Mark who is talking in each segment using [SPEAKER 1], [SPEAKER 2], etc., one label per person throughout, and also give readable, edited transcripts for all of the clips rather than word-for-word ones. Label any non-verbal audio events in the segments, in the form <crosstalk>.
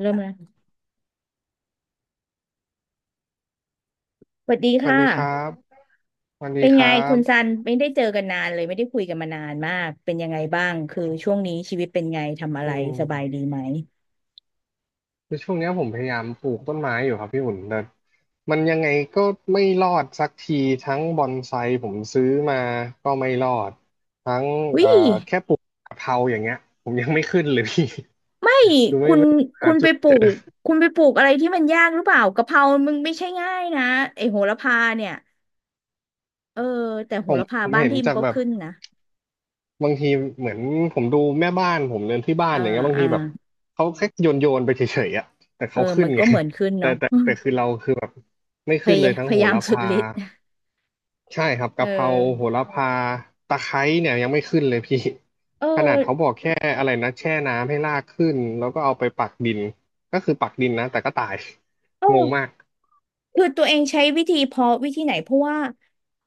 [SPEAKER 1] เริ่มแล้วสวัสดี
[SPEAKER 2] สวัส
[SPEAKER 1] ค่ะ
[SPEAKER 2] ดีครับสวัสดี
[SPEAKER 1] เป็น
[SPEAKER 2] ค
[SPEAKER 1] ไง
[SPEAKER 2] รั
[SPEAKER 1] คุณซั
[SPEAKER 2] บ
[SPEAKER 1] นไม่ได้เจอกันนานเลยไม่ได้คุยกันมานานมากเป็นยังไงบ้างคือช่วงนี้ชีวิตเป็นไงทำอะ
[SPEAKER 2] อื
[SPEAKER 1] ไร
[SPEAKER 2] ม
[SPEAKER 1] สบายดีไหม
[SPEAKER 2] คือช่วงเนี้ยผมพยายามปลูกต้นไม้อยู่ครับพี่อุ่นแต่มันยังไงก็ไม่รอดสักทีทั้งบอนไซผมซื้อมาก็ไม่รอดทั้ง
[SPEAKER 1] วิ
[SPEAKER 2] เอ่อแค่ปลูกกะเพราอย่างเงี้ยผมยังไม่ขึ้นเลยพี่
[SPEAKER 1] ใช่
[SPEAKER 2] <laughs> คือไม่
[SPEAKER 1] คุณ
[SPEAKER 2] ไม่หา
[SPEAKER 1] คุณ
[SPEAKER 2] จุ
[SPEAKER 1] ไป
[SPEAKER 2] ด
[SPEAKER 1] ปลูกคุณไปปลูกอะไรที่มันยากหรือเปล่ากะเพรามึงไม่ใช่ง่ายนะไอโหระพาเนี่ยเออแต่โห
[SPEAKER 2] ผม
[SPEAKER 1] ระพา
[SPEAKER 2] ผม
[SPEAKER 1] บ้าน
[SPEAKER 2] เห็น
[SPEAKER 1] พี่มั
[SPEAKER 2] จา
[SPEAKER 1] น
[SPEAKER 2] ก
[SPEAKER 1] ก็
[SPEAKER 2] แบบ
[SPEAKER 1] ขึ้นนะ
[SPEAKER 2] บางทีเหมือนผมดูแม่บ้านผมเดินที่บ้าน
[SPEAKER 1] อ่า
[SPEAKER 2] อย่างเงี้ยบาง
[SPEAKER 1] อ่า
[SPEAKER 2] ทีแบบเขาแค่โยนไปเฉยๆอะแต่
[SPEAKER 1] เออ
[SPEAKER 2] เขาขึ้
[SPEAKER 1] มั
[SPEAKER 2] น
[SPEAKER 1] นก็
[SPEAKER 2] ไง
[SPEAKER 1] เหมือนขึ้น
[SPEAKER 2] แต่
[SPEAKER 1] เนาะ
[SPEAKER 2] แต่แต่
[SPEAKER 1] <laughs>
[SPEAKER 2] คือเราแบบไม่
[SPEAKER 1] พ
[SPEAKER 2] ขึ้นเล
[SPEAKER 1] ยา
[SPEAKER 2] ย
[SPEAKER 1] ย
[SPEAKER 2] ทั้ง
[SPEAKER 1] พ
[SPEAKER 2] โห
[SPEAKER 1] ยายาม
[SPEAKER 2] ระ
[SPEAKER 1] สุด
[SPEAKER 2] พา
[SPEAKER 1] ฤทธิ์
[SPEAKER 2] ใช่ครับ
[SPEAKER 1] เอ
[SPEAKER 2] กะเพราโห
[SPEAKER 1] อ
[SPEAKER 2] ระพาตะไคร้เนี่ยยังไม่ขึ้นเลยพี่
[SPEAKER 1] เออ
[SPEAKER 2] <laughs> ขนาดเขาบอกแค่อะไรนะแช่น้ำให้รากขึ้นแล้วก็เอาไปปักดินก็คือปักดินนะแต่ก็ตาย
[SPEAKER 1] โอ้
[SPEAKER 2] <laughs> งงมาก
[SPEAKER 1] คือตัวเองใช้วิธีเพาะวิธีไหนเพราะว่า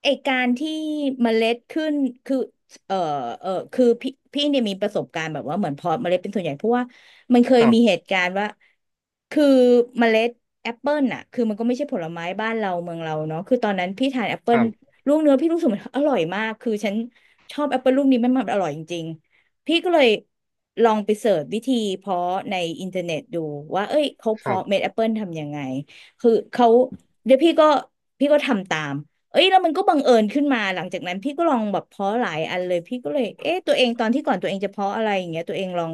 [SPEAKER 1] ไอการที่เมล็ดขึ้นคือเออเออคือพี่เนี่ยมีประสบการณ์แบบว่าเหมือนเพาะเมล็ดเป็นส่วนใหญ่เพราะว่ามันเค
[SPEAKER 2] ค
[SPEAKER 1] ย
[SPEAKER 2] รั
[SPEAKER 1] มีเห
[SPEAKER 2] บ
[SPEAKER 1] ตุการณ์ว่าคือเมล็ดแอปเปิลน่ะคือมันก็ไม่ใช่ผลไม้บ้านเราเมืองเราเนาะคือตอนนั้นพี่ทานแอปเปิ
[SPEAKER 2] ค
[SPEAKER 1] ล
[SPEAKER 2] รับ
[SPEAKER 1] ลูกเนื้อพี่รู้สึกมันอร่อยมากคือฉันชอบแอปเปิลลูกนี้มันอร่อยจริงๆพี่ก็เลยลองไปเสิร์ชวิธีเพาะในอินเทอร์เน็ตดูว่าเอ้ยเขา
[SPEAKER 2] ครั
[SPEAKER 1] เพาะเม็ด
[SPEAKER 2] บ
[SPEAKER 1] แอปเปิลทำยังไง คือเขาเดี๋ยวพี่ก็พี่ก็ทำตามเอ้ยแล้วมันก็บังเอิญขึ้นมาหลังจากนั้นพี่ก็ลองแบบเพาะหลายอันเลยพี่ก็เลยเอ๊ะตัวเองตอนที่ก่อนตัวเองจะเพาะอะไรอย่างเงี้ยตัวเองลอง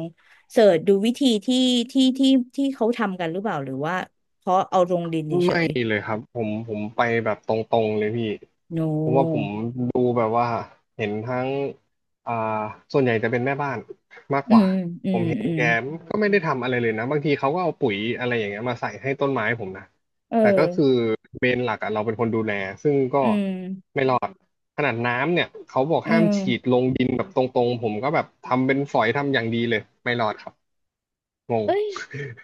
[SPEAKER 1] เสิร์ชดูวิธีที่ที่ที่ที่เขาทำกันหรือเปล่าหรือว่าเพาะเอาลงดินเฉ
[SPEAKER 2] ไม่
[SPEAKER 1] ย
[SPEAKER 2] เลยครับผมไปแบบตรงๆเลยพี่
[SPEAKER 1] ๆโ
[SPEAKER 2] เพราะว่าผม
[SPEAKER 1] น
[SPEAKER 2] ดูแบบว่าเห็นทั้งอ่าส่วนใหญ่จะเป็นแม่บ้านมาก
[SPEAKER 1] อื
[SPEAKER 2] กว่า
[SPEAKER 1] มอืมอื
[SPEAKER 2] แก
[SPEAKER 1] ม
[SPEAKER 2] ก็ไม่ได้ทำอะไรเลยนะบางทีเขาก็เอาปุ๋ยอะไรอย่างเงี้ยมาใส่ให้ต้นไม้ผมนะ
[SPEAKER 1] เอ
[SPEAKER 2] แต่ก็คือ
[SPEAKER 1] อ
[SPEAKER 2] เมนหลักอะเราเป็นคนดูแลซึ่งก็
[SPEAKER 1] อืม
[SPEAKER 2] ขนาดน้ำเนี่ยเขาบอก
[SPEAKER 1] อื
[SPEAKER 2] ห้ามฉีด
[SPEAKER 1] ม
[SPEAKER 2] ลงดินแบบตรงๆผมก็แบบทำเป็นฝอยทำอย่างดีเลยไม่รอดครับงง
[SPEAKER 1] เอ้ย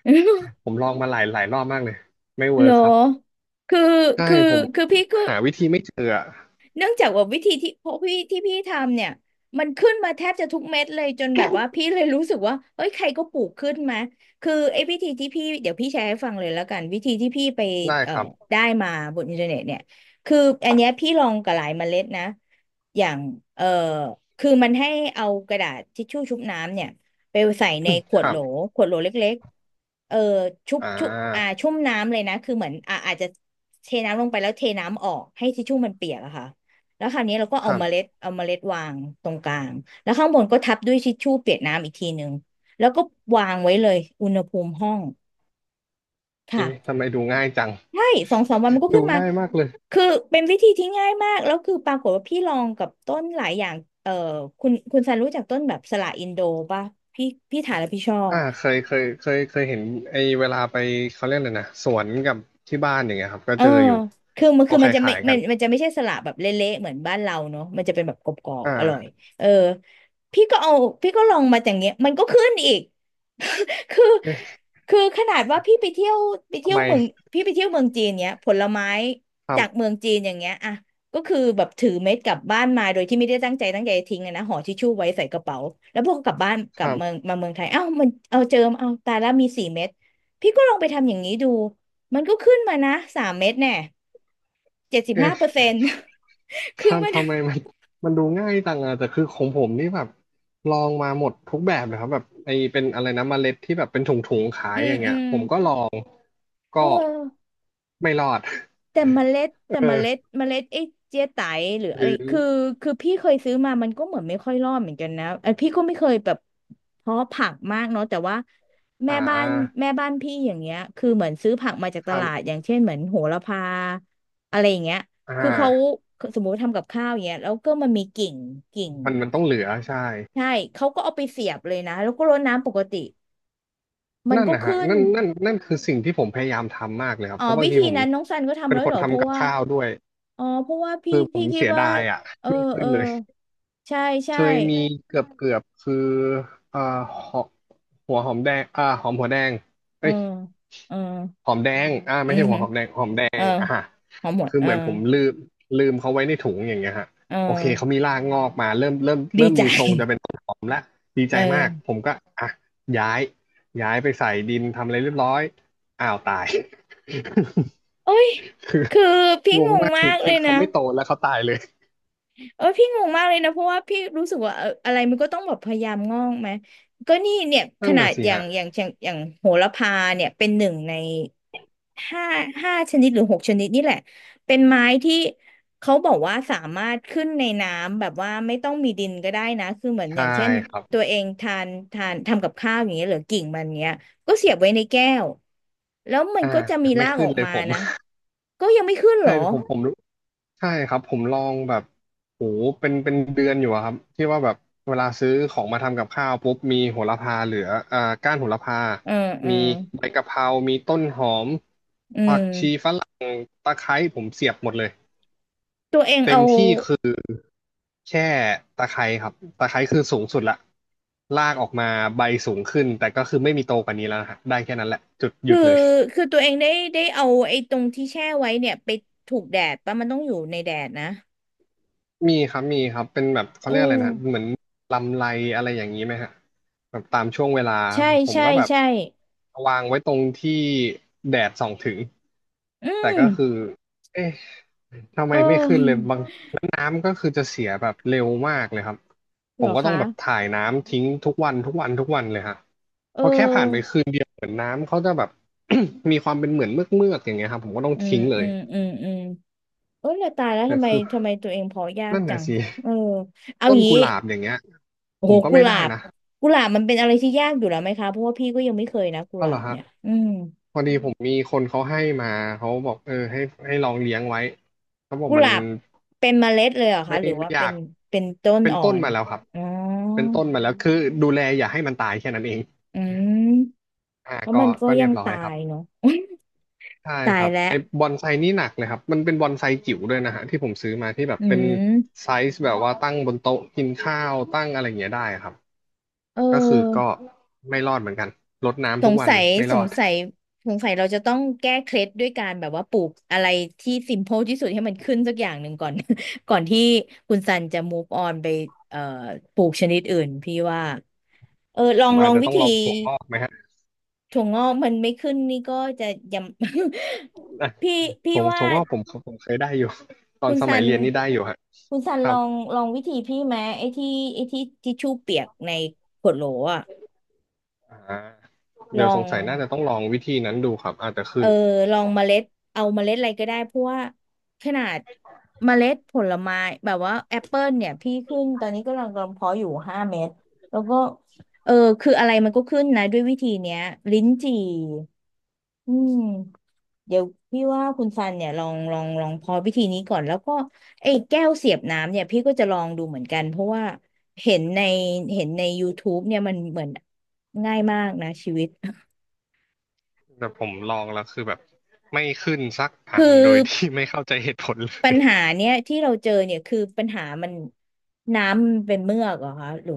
[SPEAKER 1] <laughs>
[SPEAKER 2] ผมลองมาหลายรอบมากเลยไม่เวิ
[SPEAKER 1] เหร
[SPEAKER 2] ร์ค
[SPEAKER 1] อ
[SPEAKER 2] ครับ
[SPEAKER 1] คือ
[SPEAKER 2] ใช่
[SPEAKER 1] คือ
[SPEAKER 2] ผม
[SPEAKER 1] คือพี่ก็
[SPEAKER 2] หาวิธีไม่เจออะ
[SPEAKER 1] เนื่องจากว่าวิธีที่พวกพี่ที่พี่ทำเนี่ยมันขึ้นมาแทบจะทุกเม็ดเลยจนแบบว่าพี่เลยรู้สึกว่าเฮ้ยใครก็ปลูกขึ้นมาคือไอ้วิธีที่พี่เดี๋ยวพี่แชร์ให้ฟังเลยแล้วกันวิธีที่พี่ไป
[SPEAKER 2] ได้
[SPEAKER 1] เอ่อ
[SPEAKER 2] ครับ
[SPEAKER 1] ได้มาบนอินเทอร์เน็ตเนี่ยคืออันเนี้ยพี่ลองกับหลายเมล็ดนะอย่างเอ่อคือมันให้เอากระดาษทิชชู่ชุบน้ำเนี่ยไปใส่ในข
[SPEAKER 2] <coughs>
[SPEAKER 1] ว
[SPEAKER 2] ค
[SPEAKER 1] ด
[SPEAKER 2] รั
[SPEAKER 1] โหล
[SPEAKER 2] บ
[SPEAKER 1] ขวดโหลเล็กๆเออชุบ
[SPEAKER 2] อ่
[SPEAKER 1] ชุบอ่า
[SPEAKER 2] า
[SPEAKER 1] ชุ่มน้ำเลยนะคือเหมือนอ่าอาจจะเทน้ำลงไปแล้วเทน้ำออกให้ทิชชู่มันเปียกอะค่ะ แล้วคราวนี้เราก็
[SPEAKER 2] ค
[SPEAKER 1] เอา
[SPEAKER 2] รั
[SPEAKER 1] เมล็
[SPEAKER 2] บ
[SPEAKER 1] ดเอาเมล็ดวางตรงกลางแล้วข้างบนก็ทับด้วยทิชชู่เปียกน้ำอีกทีหนึ่งแล้วก็วางไว้เลยอุณหภูมิห้อง
[SPEAKER 2] เอ๊ะ
[SPEAKER 1] ค่ะ
[SPEAKER 2] ทำไมดูง่ายจัง
[SPEAKER 1] ใช่สองสามวันมันก็
[SPEAKER 2] ดู
[SPEAKER 1] ขึ้นมา
[SPEAKER 2] ง่ายมากเลย
[SPEAKER 1] คือเป็นวิธีที่ง่ายมากแล้วคือปรากฏว่าพี่ลองกับต้นหลายอย่างเอ่อคุณซันรู้จักต้นแบบสละอินโดป่ะพี่พี่ถ่ายแล้วพี่ชอบ
[SPEAKER 2] อ่าเคยเห็นไอ้เวลาไปเขาเรียกอะไรนะสวนกับที่บ้านอย่างเงี้ยครับก็
[SPEAKER 1] เออ
[SPEAKER 2] เจออยู่
[SPEAKER 1] คือมัน
[SPEAKER 2] เขา
[SPEAKER 1] คือมั
[SPEAKER 2] ขา
[SPEAKER 1] น
[SPEAKER 2] ย
[SPEAKER 1] จะ
[SPEAKER 2] ขา
[SPEAKER 1] ไม่
[SPEAKER 2] ยกั
[SPEAKER 1] มัน
[SPEAKER 2] น
[SPEAKER 1] มันจะไม่ใช่สละแบบเละๆเหมือนบ้านเราเนาะมันจะเป็นแบบกรอบ
[SPEAKER 2] อ่
[SPEAKER 1] ๆอร่อย
[SPEAKER 2] า
[SPEAKER 1] เออพี่ก็เอาพี่ก็ลองมาอย่างเงี้ยมันก็ขึ้นอีก <laughs> คือ
[SPEAKER 2] เอ๊ะ
[SPEAKER 1] คือขนาดว่าพี่ไปเที่ยวไป
[SPEAKER 2] ทำ
[SPEAKER 1] เที่ยว
[SPEAKER 2] ไม
[SPEAKER 1] เมืองพี่ไปเที่ยวเมืองจีนเนี้ยผลไม้
[SPEAKER 2] ครั
[SPEAKER 1] จาก
[SPEAKER 2] บ
[SPEAKER 1] เมืองจีนอย่างเงี้ยอ่ะก็คือแบบถือเม็ดกลับบ้านมาโดยที่ไม่ได้ตั้งใจตั้งใจทิ้งอะนะห่อทิชชู่ไว้ใส่กระเป๋าแล้วพอกกลับบ้านก
[SPEAKER 2] ค
[SPEAKER 1] ลับ
[SPEAKER 2] รั
[SPEAKER 1] เมือง
[SPEAKER 2] บ
[SPEAKER 1] มาเมืองไทยเอ้ามันเอาเจอเอาตายแล้วมี4 เม็ดพี่ก็ลองไปทำอย่างนี้ดู มันก็ขึ้นมานะ3 เม็ดเนี่ยเจ็ดสิบห้า
[SPEAKER 2] เอ๊ะ
[SPEAKER 1] เปอร์เซ็นต์ <laughs> คือ
[SPEAKER 2] ท่าน
[SPEAKER 1] มัน
[SPEAKER 2] ทำไมมันดูง่ายจังอะแต่คือของผมนี่แบบลองมาหมดทุกแบบเลยครับแบบไอ้เป็นอะไรนะเมล็ดที่แบบเป็นถุงๆขา
[SPEAKER 1] อื
[SPEAKER 2] ยอ
[SPEAKER 1] ม
[SPEAKER 2] ย่าง
[SPEAKER 1] อื
[SPEAKER 2] เงี้ย
[SPEAKER 1] ม
[SPEAKER 2] ผมก็ลองก็
[SPEAKER 1] เออ
[SPEAKER 2] ไม่รอด
[SPEAKER 1] แต่เมล็ดแต่
[SPEAKER 2] เอ
[SPEAKER 1] เม
[SPEAKER 2] อ
[SPEAKER 1] ล็ดเมล็ดไอ้เจี๊ยไตหรืออะ
[SPEAKER 2] ห
[SPEAKER 1] ไร
[SPEAKER 2] รือ
[SPEAKER 1] คือคือพี่เคยซื้อมามันก็เหมือนไม่ค่อยรอดเหมือนกันนะเออพี่ก็ไม่เคยแบบเพาะผักมากเนาะแต่ว่าแม่
[SPEAKER 2] หา
[SPEAKER 1] บ้านแม่บ้านพี่อย่างเงี้ยคือเหมือนซื้อผักมาจากตลา
[SPEAKER 2] ทำ
[SPEAKER 1] ดอย่างเช่นเหมือนโหระพาอะไรอย่างเงี้ย
[SPEAKER 2] อ่า
[SPEAKER 1] คือเขาสมมุติทำกับข้าวอย่างเงี้ยแล้วก็มันมีกิ่ง
[SPEAKER 2] มันต้องเหลือใช่
[SPEAKER 1] ใช่เขาก็เอาไปเสียบเลยนะแล้วก็รดน้ำปกติ มัน
[SPEAKER 2] นั่น
[SPEAKER 1] ก็
[SPEAKER 2] นะฮะ
[SPEAKER 1] ขึ้น
[SPEAKER 2] นั่นคือสิ่งที่ผมพยายามทำมากเลยครับ
[SPEAKER 1] อ๋อ
[SPEAKER 2] เพราะบา
[SPEAKER 1] วิ
[SPEAKER 2] งที
[SPEAKER 1] ธี
[SPEAKER 2] ผม
[SPEAKER 1] นั้นน้องซันก็ทำ
[SPEAKER 2] เป็น
[SPEAKER 1] แล้ว
[SPEAKER 2] ค
[SPEAKER 1] เห
[SPEAKER 2] น
[SPEAKER 1] รอเพ
[SPEAKER 2] ทำ
[SPEAKER 1] ราะ
[SPEAKER 2] กับ
[SPEAKER 1] ว่า
[SPEAKER 2] ข้าวด้วย
[SPEAKER 1] อ๋อเพราะว่าพี่
[SPEAKER 2] คือผ
[SPEAKER 1] พี่
[SPEAKER 2] ม
[SPEAKER 1] คิด
[SPEAKER 2] เสีย
[SPEAKER 1] ว่า
[SPEAKER 2] ดายอ่ะ
[SPEAKER 1] เออ
[SPEAKER 2] ไม่
[SPEAKER 1] เอ
[SPEAKER 2] ขึ้น
[SPEAKER 1] อ
[SPEAKER 2] เลย
[SPEAKER 1] ใช่
[SPEAKER 2] เค
[SPEAKER 1] ใช่
[SPEAKER 2] ยมีเกือบเกือบคืออ่าหอมหัวหอมแดงอ่าหอมหัวแดง
[SPEAKER 1] เออ
[SPEAKER 2] เอ้ย
[SPEAKER 1] เออ
[SPEAKER 2] หอมแดงอ่า
[SPEAKER 1] อื
[SPEAKER 2] ไม่
[SPEAKER 1] อ
[SPEAKER 2] ใช่หัว
[SPEAKER 1] ฮึ
[SPEAKER 2] หอมแดงหอมแด
[SPEAKER 1] เออ
[SPEAKER 2] งอ่าฮะ
[SPEAKER 1] พอหมด
[SPEAKER 2] คือ
[SPEAKER 1] เออ
[SPEAKER 2] เหมือนผมลืมเขาไว้ในถุงอย่างเงี้ยฮะ
[SPEAKER 1] เ
[SPEAKER 2] โอเคเขา
[SPEAKER 1] ออ
[SPEAKER 2] มีรากงอกมาเริ่มเริ่ม
[SPEAKER 1] ดี
[SPEAKER 2] เริ่ม
[SPEAKER 1] ใจ
[SPEAKER 2] มีทรงจะเป็นต้นหอมละดีใจ
[SPEAKER 1] เอ
[SPEAKER 2] มา
[SPEAKER 1] อ
[SPEAKER 2] กผมก็อ่ะย้ายย้ายไปใส่ดินทำอะไรเรียบร้อยอ้าวตาย
[SPEAKER 1] โอ้ย
[SPEAKER 2] <laughs> คือ
[SPEAKER 1] คือพี่
[SPEAKER 2] ง
[SPEAKER 1] ง
[SPEAKER 2] ง
[SPEAKER 1] ง
[SPEAKER 2] มาก
[SPEAKER 1] มา
[SPEAKER 2] คือ
[SPEAKER 1] กเล
[SPEAKER 2] คือ
[SPEAKER 1] ยนะ
[SPEAKER 2] เขาไม่โตแล้วเขาตายเลย
[SPEAKER 1] เออพี่งงมากเลยนะเพราะว่าพี่รู้สึกว่าเอออะไรมันก็ต้องแบบพยายามงอกไหมก็นี่เนี่ยข
[SPEAKER 2] นั่น
[SPEAKER 1] นา
[SPEAKER 2] น่ะ
[SPEAKER 1] ด
[SPEAKER 2] สิ
[SPEAKER 1] อย่าง
[SPEAKER 2] ฮะ
[SPEAKER 1] อย่างอย่างอย่างโหระพาเนี่ยเป็นหนึ่งใน ห้าห้าชนิดหรือหกชนิดนี่แหละเป็นไม้ที่เขาบอกว่าสามารถขึ้นในน้ำแบบว่าไม่ต้องมีดินก็ได้นะคือเหมือนอ
[SPEAKER 2] ใช่
[SPEAKER 1] ย่างเช่น
[SPEAKER 2] ครับ
[SPEAKER 1] ตัวเองทานทำกับข้าวอย่างเงี้ยหรือกิ่งมันเงี้ยก็เสียบไว้ในแก้วแล้วมัน
[SPEAKER 2] อ่า
[SPEAKER 1] ก็จะมี
[SPEAKER 2] ไม่
[SPEAKER 1] ราก
[SPEAKER 2] ขึ้
[SPEAKER 1] อ
[SPEAKER 2] น
[SPEAKER 1] อก
[SPEAKER 2] เลย
[SPEAKER 1] มา
[SPEAKER 2] ผม
[SPEAKER 1] นะก็ยังไม่ขึ้นเหร
[SPEAKER 2] ใช่
[SPEAKER 1] อ
[SPEAKER 2] ผมรู้ใช่ครับผมลองแบบโหเป็นเดือนอยู่อะครับที่ว่าแบบเวลาซื้อของมาทำกับข้าวปุ๊บมีโหระพาเหลืออ่าก้านโหระพา
[SPEAKER 1] เออเออ
[SPEAKER 2] มีใบกะเพรามีต้นหอม
[SPEAKER 1] อื
[SPEAKER 2] ผักชี
[SPEAKER 1] ม
[SPEAKER 2] ฝรั่งตะไคร้ผมเสียบหมดเลย
[SPEAKER 1] ตัวเอง
[SPEAKER 2] เต็ม
[SPEAKER 1] เอา
[SPEAKER 2] ที่คือแค่ตะไคร้ครับตะไคร้คือสูงสุดละลากออกมาใบสูงขึ้นแต่ก็คือไม่มีโตกว่านี้แล้วนะฮะได้แค่นั้นแหละจุดหยุ
[SPEAKER 1] คือ
[SPEAKER 2] ดเลย
[SPEAKER 1] คือตัวเองได้เอาไอ้ตรงที่แช่ไว้เนี่ยไปถูกแดดปะมันต้องอยู่ในแดดนะ
[SPEAKER 2] มีครับมีครับเป็นแบบเขา
[SPEAKER 1] เอ
[SPEAKER 2] เรียกอะไร
[SPEAKER 1] อ
[SPEAKER 2] นะเหมือนลำไรอะไรอย่างนี้ไหมฮะแบบตามช่วงเวลา
[SPEAKER 1] ใช่
[SPEAKER 2] ผม
[SPEAKER 1] ใช่
[SPEAKER 2] ก็แบบ
[SPEAKER 1] ใช่
[SPEAKER 2] วางไว้ตรงที่แดดส่องถึง
[SPEAKER 1] อื
[SPEAKER 2] แต่
[SPEAKER 1] ม
[SPEAKER 2] ก็คือเอ๊ะทำไม
[SPEAKER 1] เ
[SPEAKER 2] ไม่ขึ้นเลย
[SPEAKER 1] ออ
[SPEAKER 2] บางแล้วน้ำก็คือจะเสียแบบเร็วมากเลยครับผ
[SPEAKER 1] เหร
[SPEAKER 2] ม
[SPEAKER 1] อ
[SPEAKER 2] ก็ต้อ
[SPEAKER 1] คะ
[SPEAKER 2] งแบบถ่ายน้ำทิ้งทุกวันเลยฮะ
[SPEAKER 1] เอ
[SPEAKER 2] พอแค่ผ่านไป
[SPEAKER 1] อ
[SPEAKER 2] คืนเดียวเหมือนน้ำเขาจะแบบ <coughs> มีความเป็นเหมือนเมือกอย่างเงี้ยครับผมก็ต้อง
[SPEAKER 1] อืม
[SPEAKER 2] ทิ้งเล
[SPEAKER 1] อื
[SPEAKER 2] ย
[SPEAKER 1] มอืมอืมเออแต่ตายแล้ว
[SPEAKER 2] แต่
[SPEAKER 1] ทำไม
[SPEAKER 2] คือ
[SPEAKER 1] ทำไมตัวเองพอยาก
[SPEAKER 2] นั่น
[SPEAKER 1] จั
[SPEAKER 2] น่ะ
[SPEAKER 1] ง
[SPEAKER 2] สิ
[SPEAKER 1] เออเอา
[SPEAKER 2] ต้น
[SPEAKER 1] งี้
[SPEAKER 2] กุหลาบอย่างเงี้ย
[SPEAKER 1] โอ้
[SPEAKER 2] ผ
[SPEAKER 1] โห
[SPEAKER 2] มก็
[SPEAKER 1] กุ
[SPEAKER 2] ไม่
[SPEAKER 1] หลา
[SPEAKER 2] ได้
[SPEAKER 1] บ
[SPEAKER 2] นะ
[SPEAKER 1] กุหลาบมันเป็นอะไรที่ยากอยู่แล้วไหมคะเพราะว่าพี่ก็ยังไม่เคยนะกุ
[SPEAKER 2] ก็
[SPEAKER 1] หลา
[SPEAKER 2] เหรอ
[SPEAKER 1] บ
[SPEAKER 2] ฮะ
[SPEAKER 1] เนี่ยอืม
[SPEAKER 2] พอดีผมมีคนเขาให้มาเขาบอกเออให้ลองเลี้ยงไว้เขาบอก
[SPEAKER 1] กุห
[SPEAKER 2] มัน
[SPEAKER 1] ลาบเป็นเมล็ดเลยเหรอคะ
[SPEAKER 2] ไม่
[SPEAKER 1] หรือว่า
[SPEAKER 2] ไม่อ
[SPEAKER 1] เป็
[SPEAKER 2] ยา
[SPEAKER 1] น
[SPEAKER 2] ก
[SPEAKER 1] เป็นต้น
[SPEAKER 2] เป็น
[SPEAKER 1] อ่อ
[SPEAKER 2] ต้น
[SPEAKER 1] น
[SPEAKER 2] มาแล้วครับ
[SPEAKER 1] อ๋อ
[SPEAKER 2] เป็นต้นมาแล้วคือดูแลอย่าให้มันตายแค่นั้นเอง
[SPEAKER 1] อืม
[SPEAKER 2] อ่า
[SPEAKER 1] เพราะ
[SPEAKER 2] ก็
[SPEAKER 1] มันก็
[SPEAKER 2] ก็
[SPEAKER 1] ยั
[SPEAKER 2] เรีย
[SPEAKER 1] ง
[SPEAKER 2] บร้อย
[SPEAKER 1] ตา
[SPEAKER 2] ครับ
[SPEAKER 1] ยเนาะ
[SPEAKER 2] ใช่
[SPEAKER 1] ตา
[SPEAKER 2] ค
[SPEAKER 1] ย
[SPEAKER 2] รับ
[SPEAKER 1] แล้ว
[SPEAKER 2] ไอ้บอนไซนี่หนักเลยครับมันเป็นบอนไซจิ๋วด้วยนะฮะที่ผมซื้อมาที่แบบ
[SPEAKER 1] อื
[SPEAKER 2] เป็น
[SPEAKER 1] ม
[SPEAKER 2] ไซส์แบบว่าตั้งบนโต๊ะกินข้าวตั้งอะไรอย่างเงี้ยได้ครับ
[SPEAKER 1] เออ
[SPEAKER 2] ก็คือไม่รอดเหมือนกันรด
[SPEAKER 1] ส
[SPEAKER 2] น้ำทุก
[SPEAKER 1] ง
[SPEAKER 2] วัน
[SPEAKER 1] สัย
[SPEAKER 2] ไม่
[SPEAKER 1] ส
[SPEAKER 2] รอ
[SPEAKER 1] ง
[SPEAKER 2] ด
[SPEAKER 1] สัยสงสัยเราจะต้องแก้เคล็ดด้วยการแบบว่าปลูกอะไรที่ simple ที่สุดให้มันขึ้นสักอย่างหนึ่งก่อน <laughs> ก่อนที่คุณซันจะ move on ไปเอ่อปลูกชนิดอื่นพี่ว่าเออลอ
[SPEAKER 2] ผ
[SPEAKER 1] ง
[SPEAKER 2] ม
[SPEAKER 1] ล
[SPEAKER 2] อา
[SPEAKER 1] อ
[SPEAKER 2] จ
[SPEAKER 1] ง
[SPEAKER 2] จะ
[SPEAKER 1] วิ
[SPEAKER 2] ต้อง
[SPEAKER 1] ธี
[SPEAKER 2] ลองถั่วงอกไหม
[SPEAKER 1] ถั่วงอกมันไม่ขึ้นนี่ก็จะย
[SPEAKER 2] อ่ะ
[SPEAKER 1] ำ <laughs> พี่พี่
[SPEAKER 2] ถงถ
[SPEAKER 1] ว่า
[SPEAKER 2] งว่าผมเคยได้อยู่ <laughs> ตอ
[SPEAKER 1] คุ
[SPEAKER 2] น
[SPEAKER 1] ณ
[SPEAKER 2] ส
[SPEAKER 1] ซั
[SPEAKER 2] มัย
[SPEAKER 1] น
[SPEAKER 2] เรียนนี่ได้อยู่ฮะ
[SPEAKER 1] คุณซัน
[SPEAKER 2] ค
[SPEAKER 1] ล
[SPEAKER 2] รั
[SPEAKER 1] อ
[SPEAKER 2] บ
[SPEAKER 1] งลองวิธีพี่ไหมไอ้ที่ทิชชู่เปียกในขวดโหลอะ
[SPEAKER 2] อ่า
[SPEAKER 1] ล
[SPEAKER 2] เดี๋
[SPEAKER 1] อ
[SPEAKER 2] ยวส
[SPEAKER 1] ง
[SPEAKER 2] งสัยน่าจะต้องลองวิธีนั้นดูครับอาจจะ
[SPEAKER 1] เอ
[SPEAKER 2] ขึ้
[SPEAKER 1] อ
[SPEAKER 2] น
[SPEAKER 1] ลองเมล็ดเอาเมล็ดอะไรก็ได้เพราะว่าขนาดเมล็ดผลไม้แบบว่าแอปเปิลเนี่ยพี่ขึ้นตอนนี้ก็กำลังเพาะอยู่ห้าเม็ดแล้วก็เออคืออะไรมันก็ขึ้นนะด้วยวิธีเนี้ยลิ้นจี่อืมเดี๋ยวพี่ว่าคุณซันเนี่ยลองพอวิธีนี้ก่อนแล้วก็ไอ้แก้วเสียบน้ำเนี่ยพี่ก็จะลองดูเหมือนกันเพราะว่าเห็นในเห็นใน YouTube เนี่ยมันเหมือนง่ายมากนะชีวิต
[SPEAKER 2] แต่ผมลองแล้วคือแบบไม่ขึ้นสัก
[SPEAKER 1] <laughs>
[SPEAKER 2] อั
[SPEAKER 1] คือ
[SPEAKER 2] นโดยที่ไม่เข้าใจเหตุผลเล
[SPEAKER 1] ปั
[SPEAKER 2] ย
[SPEAKER 1] ญหาเนี้ยที่เราเจอเนี่ยคือปัญหามันน้ำมันเป็นเมือกเหรอคะหรือ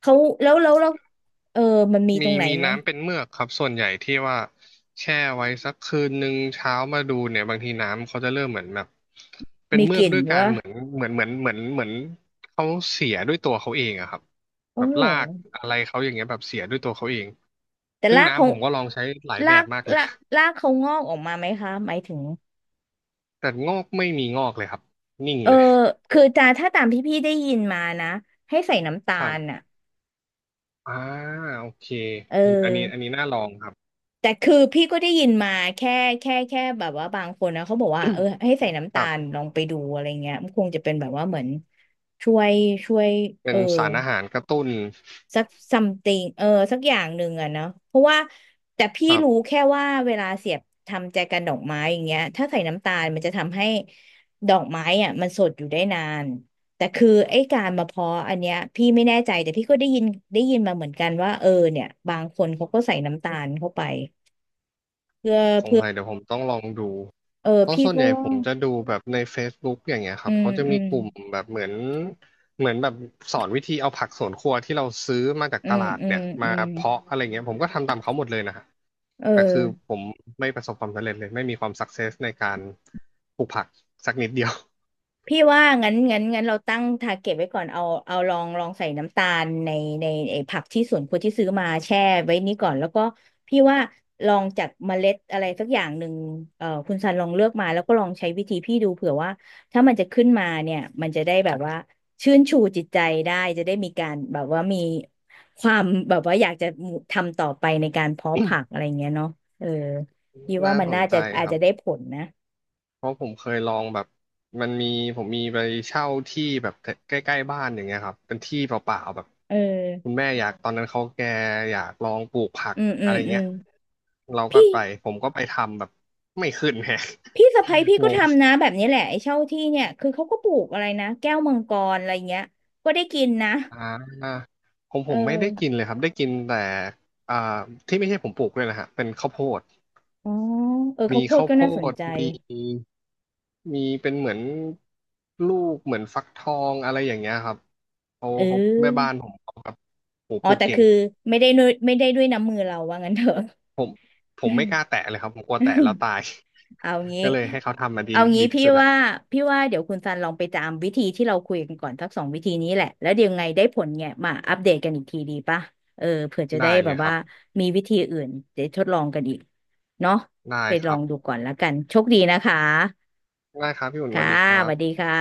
[SPEAKER 1] เขาแล้วเออมันมีต
[SPEAKER 2] มี
[SPEAKER 1] รงไหน
[SPEAKER 2] มี
[SPEAKER 1] ไหม
[SPEAKER 2] น้ำเป็นเมือกครับส่วนใหญ่ที่ว่าแช่ไว้สักคืนหนึ่งเช้ามาดูเนี่ยบางทีน้ำเขาจะเริ่มเหมือนแบบเป็น
[SPEAKER 1] มี
[SPEAKER 2] เมื
[SPEAKER 1] ก
[SPEAKER 2] อก
[SPEAKER 1] ลิ่น
[SPEAKER 2] ด้วยการ
[SPEAKER 1] วะ
[SPEAKER 2] เหมือนเหมือนเหมือนเหมือนเหมือนเขาเสียด้วยตัวเขาเองอะครับ
[SPEAKER 1] อ๋อ
[SPEAKER 2] แบบ
[SPEAKER 1] เหร
[SPEAKER 2] ลา
[SPEAKER 1] อ
[SPEAKER 2] กอะไรเขาอย่างเงี้ยแบบเสียด้วยตัวเขาเอง
[SPEAKER 1] แต่
[SPEAKER 2] ซึ่ง
[SPEAKER 1] รากเขา
[SPEAKER 2] น้ำผมก็ลองใช้หลาย
[SPEAKER 1] รา
[SPEAKER 2] แบบ
[SPEAKER 1] ก
[SPEAKER 2] มากเลย
[SPEAKER 1] รากรากเขางอกออกมาไหมคะหมายถึง
[SPEAKER 2] <laughs> แต่งอกไม่มีงอกเลยครับนิ่ง
[SPEAKER 1] เออ
[SPEAKER 2] เลย
[SPEAKER 1] คือจาถ้าตามที่พี่ได้ยินมานะให้ใส่น้ำตา
[SPEAKER 2] ครั
[SPEAKER 1] ล
[SPEAKER 2] บ
[SPEAKER 1] อ่ะ
[SPEAKER 2] อ่าโอเค
[SPEAKER 1] เออ
[SPEAKER 2] อันนี้น่าลองครับ
[SPEAKER 1] แต่คือพี่ก็ได้ยินมาแค่แค่แบบว่าบางคนนะเขาบอกว่าเออให้ใส่น้ำ
[SPEAKER 2] ค
[SPEAKER 1] ตาล
[SPEAKER 2] รับ
[SPEAKER 1] ลองไปดูอะไรเงี้ยมันคงจะเป็นแบบว่าเหมือนช่วยช่วยเอ
[SPEAKER 2] เป็น
[SPEAKER 1] อ
[SPEAKER 2] สารอาหารกระตุ้น
[SPEAKER 1] สัก something เออสักอย่างหนึ่งอะเนาะเพราะว่าแต่พี่
[SPEAKER 2] ครั
[SPEAKER 1] รู้
[SPEAKER 2] บ
[SPEAKER 1] แค่ว่าเวลาเสียบทำแจกันดอกไม้อย่างเงี้ยถ้าใส่น้ำตาลมันจะทำให้ดอกไม้อะมันสดอยู่ได้นานแต่คือไอ้การมาเพาะอันเนี้ยพี่ไม่แน่ใจแต่พี่ก็ได้ยินมาเหมือนกันว่าเออเนี่ยบางคนเขาก็ใส่น้ำตาลเข้าไปเพื่อ
[SPEAKER 2] สง
[SPEAKER 1] เพื่อ
[SPEAKER 2] สัยเดี๋ยวผมต้องลองดู
[SPEAKER 1] เออ
[SPEAKER 2] เพราะ
[SPEAKER 1] พี่
[SPEAKER 2] ส่วน
[SPEAKER 1] ก็
[SPEAKER 2] ใหญ่
[SPEAKER 1] ว่า
[SPEAKER 2] ผมจะดูแบบใน Facebook อย่างเงี้ยค
[SPEAKER 1] อื
[SPEAKER 2] รับ
[SPEAKER 1] ม
[SPEAKER 2] เขาจะ
[SPEAKER 1] อื
[SPEAKER 2] มี
[SPEAKER 1] ม
[SPEAKER 2] กลุ่มแบบเหมือนแบบสอนวิธีเอาผักสวนครัวที่เราซื้อมาจาก
[SPEAKER 1] อื
[SPEAKER 2] ต
[SPEAKER 1] ม
[SPEAKER 2] ลาด
[SPEAKER 1] อื
[SPEAKER 2] เนี่
[SPEAKER 1] ม
[SPEAKER 2] ยมา
[SPEAKER 1] อืม
[SPEAKER 2] เพาะอะไรเงี้ยผมก็ทำตามเขาหมดเลยนะฮะ
[SPEAKER 1] เอ
[SPEAKER 2] แต่คือ
[SPEAKER 1] อ
[SPEAKER 2] ผมไม่ประสบความสำเร็จเลยไม่มีความสักเซสในการปลูกผักสักนิดเดียว
[SPEAKER 1] พี่ว่างั้นเราตั้งทาร์เก็ตไว้ก่อนเอาลองใส่น้ำตาลในไอ้ผักที่สวนครัวที่ซื้อมาแช่ไว้นี้ก่อนแล้วก็พี่ว่าลองจากเมล็ดอะไรสักอย่างหนึ่งคุณซันลองเลือกมาแล้วก็ลองใช้วิธีพี่ดูเผื่อว่าถ้ามันจะขึ้นมาเนี่ยมันจะได้แบบว่าชื่นชูจิตใจได้จะได้มีการแบบว่ามีความแบบว่าอยากจะทำต่อไปในการเพาะผักอะไรเงี้ยเนาะเออพี่
[SPEAKER 2] <laughs>
[SPEAKER 1] ว่า
[SPEAKER 2] น่า
[SPEAKER 1] มัน
[SPEAKER 2] สน
[SPEAKER 1] น่า
[SPEAKER 2] ใจ
[SPEAKER 1] จะอา
[SPEAKER 2] ค
[SPEAKER 1] จ
[SPEAKER 2] รับ
[SPEAKER 1] จะได้ผลนะ
[SPEAKER 2] เพราะผมเคยลองแบบมันมีผมมีไปเช่าที่แบบใกล้ๆบ้านอย่างเงี้ยครับเป็นที่เปล่าๆแบบ
[SPEAKER 1] เอ
[SPEAKER 2] คุณ
[SPEAKER 1] อ
[SPEAKER 2] แม่อยากตอนนั้นเขาแกอยากลองปลูกผัก
[SPEAKER 1] อืมอื
[SPEAKER 2] อะ
[SPEAKER 1] ม
[SPEAKER 2] ไร
[SPEAKER 1] อื
[SPEAKER 2] เงี้ย
[SPEAKER 1] ม
[SPEAKER 2] เราก็
[SPEAKER 1] พี่
[SPEAKER 2] ไปผมก็ไปทำแบบไม่ขึ้นแฮะ
[SPEAKER 1] พี่สะใภ้พี่
[SPEAKER 2] <laughs> ง
[SPEAKER 1] ก็
[SPEAKER 2] ง
[SPEAKER 1] ทำนะแบบนี้แหละไอ้เช่าที่เนี่ยคือเขาก็ปลูกอะไรนะแก้วมังกรอะไรเงี้ยก็ได้กินนะ
[SPEAKER 2] อ่าผม
[SPEAKER 1] เ
[SPEAKER 2] ผมไม่ได้
[SPEAKER 1] ออ
[SPEAKER 2] กินเลยครับได้กินแต่อ่าที่ไม่ใช่ผมปลูกเลยนะฮะเป็นข้าวโพด
[SPEAKER 1] อ๋อเออข้า
[SPEAKER 2] มี
[SPEAKER 1] วโพด
[SPEAKER 2] ข้าว
[SPEAKER 1] ก็
[SPEAKER 2] โพ
[SPEAKER 1] น่าสน
[SPEAKER 2] ด
[SPEAKER 1] ใจ
[SPEAKER 2] มีเป็นเหมือนลูกเหมือนฟักทองอะไรอย่างเงี้ยครับ เขา
[SPEAKER 1] เ
[SPEAKER 2] เขาแม่บ้า
[SPEAKER 1] ออ
[SPEAKER 2] นผมเขาแบบโห
[SPEAKER 1] อ๋อ
[SPEAKER 2] ปลูก
[SPEAKER 1] แต่
[SPEAKER 2] เก่ง
[SPEAKER 1] คือไม่ได้ด้วยน้ำมือเราว่างั้นเถอะ
[SPEAKER 2] ผมผมไม่กล้าแตะเลยครับผมกลัวแตะแล้วตาย
[SPEAKER 1] <laughs> เอางี้
[SPEAKER 2] <laughs> ก็เลยให้เขาทำมาดี
[SPEAKER 1] เอางี้
[SPEAKER 2] ดีที่
[SPEAKER 1] พี่
[SPEAKER 2] สุดแหละ
[SPEAKER 1] ว่าพี่ว่าเดี๋ยวคุณซันลองไปตามวิธีที่เราคุยกันก่อนสักสองวิธีนี้แหละ แล้วเดี๋ยวไงได้ผลเนี่ยมาอัปเดตกันอีกทีดีป่ะเออเผื่อจะ
[SPEAKER 2] ได้
[SPEAKER 1] ได้
[SPEAKER 2] เล
[SPEAKER 1] แบบ
[SPEAKER 2] ยครั
[SPEAKER 1] ว่า
[SPEAKER 2] บ
[SPEAKER 1] มีวิธีอื่นจดทดลองกันอีกเนาะ
[SPEAKER 2] ได้
[SPEAKER 1] ไป
[SPEAKER 2] ค
[SPEAKER 1] ลอ
[SPEAKER 2] รั
[SPEAKER 1] ง
[SPEAKER 2] บ
[SPEAKER 1] ดูก่อนแล้วกันโชคดีนะคะ
[SPEAKER 2] ได้ครับพี่อุ่นส
[SPEAKER 1] ค่ะ
[SPEAKER 2] วัสดีครั
[SPEAKER 1] สวัสดี
[SPEAKER 2] บ
[SPEAKER 1] ค่ะ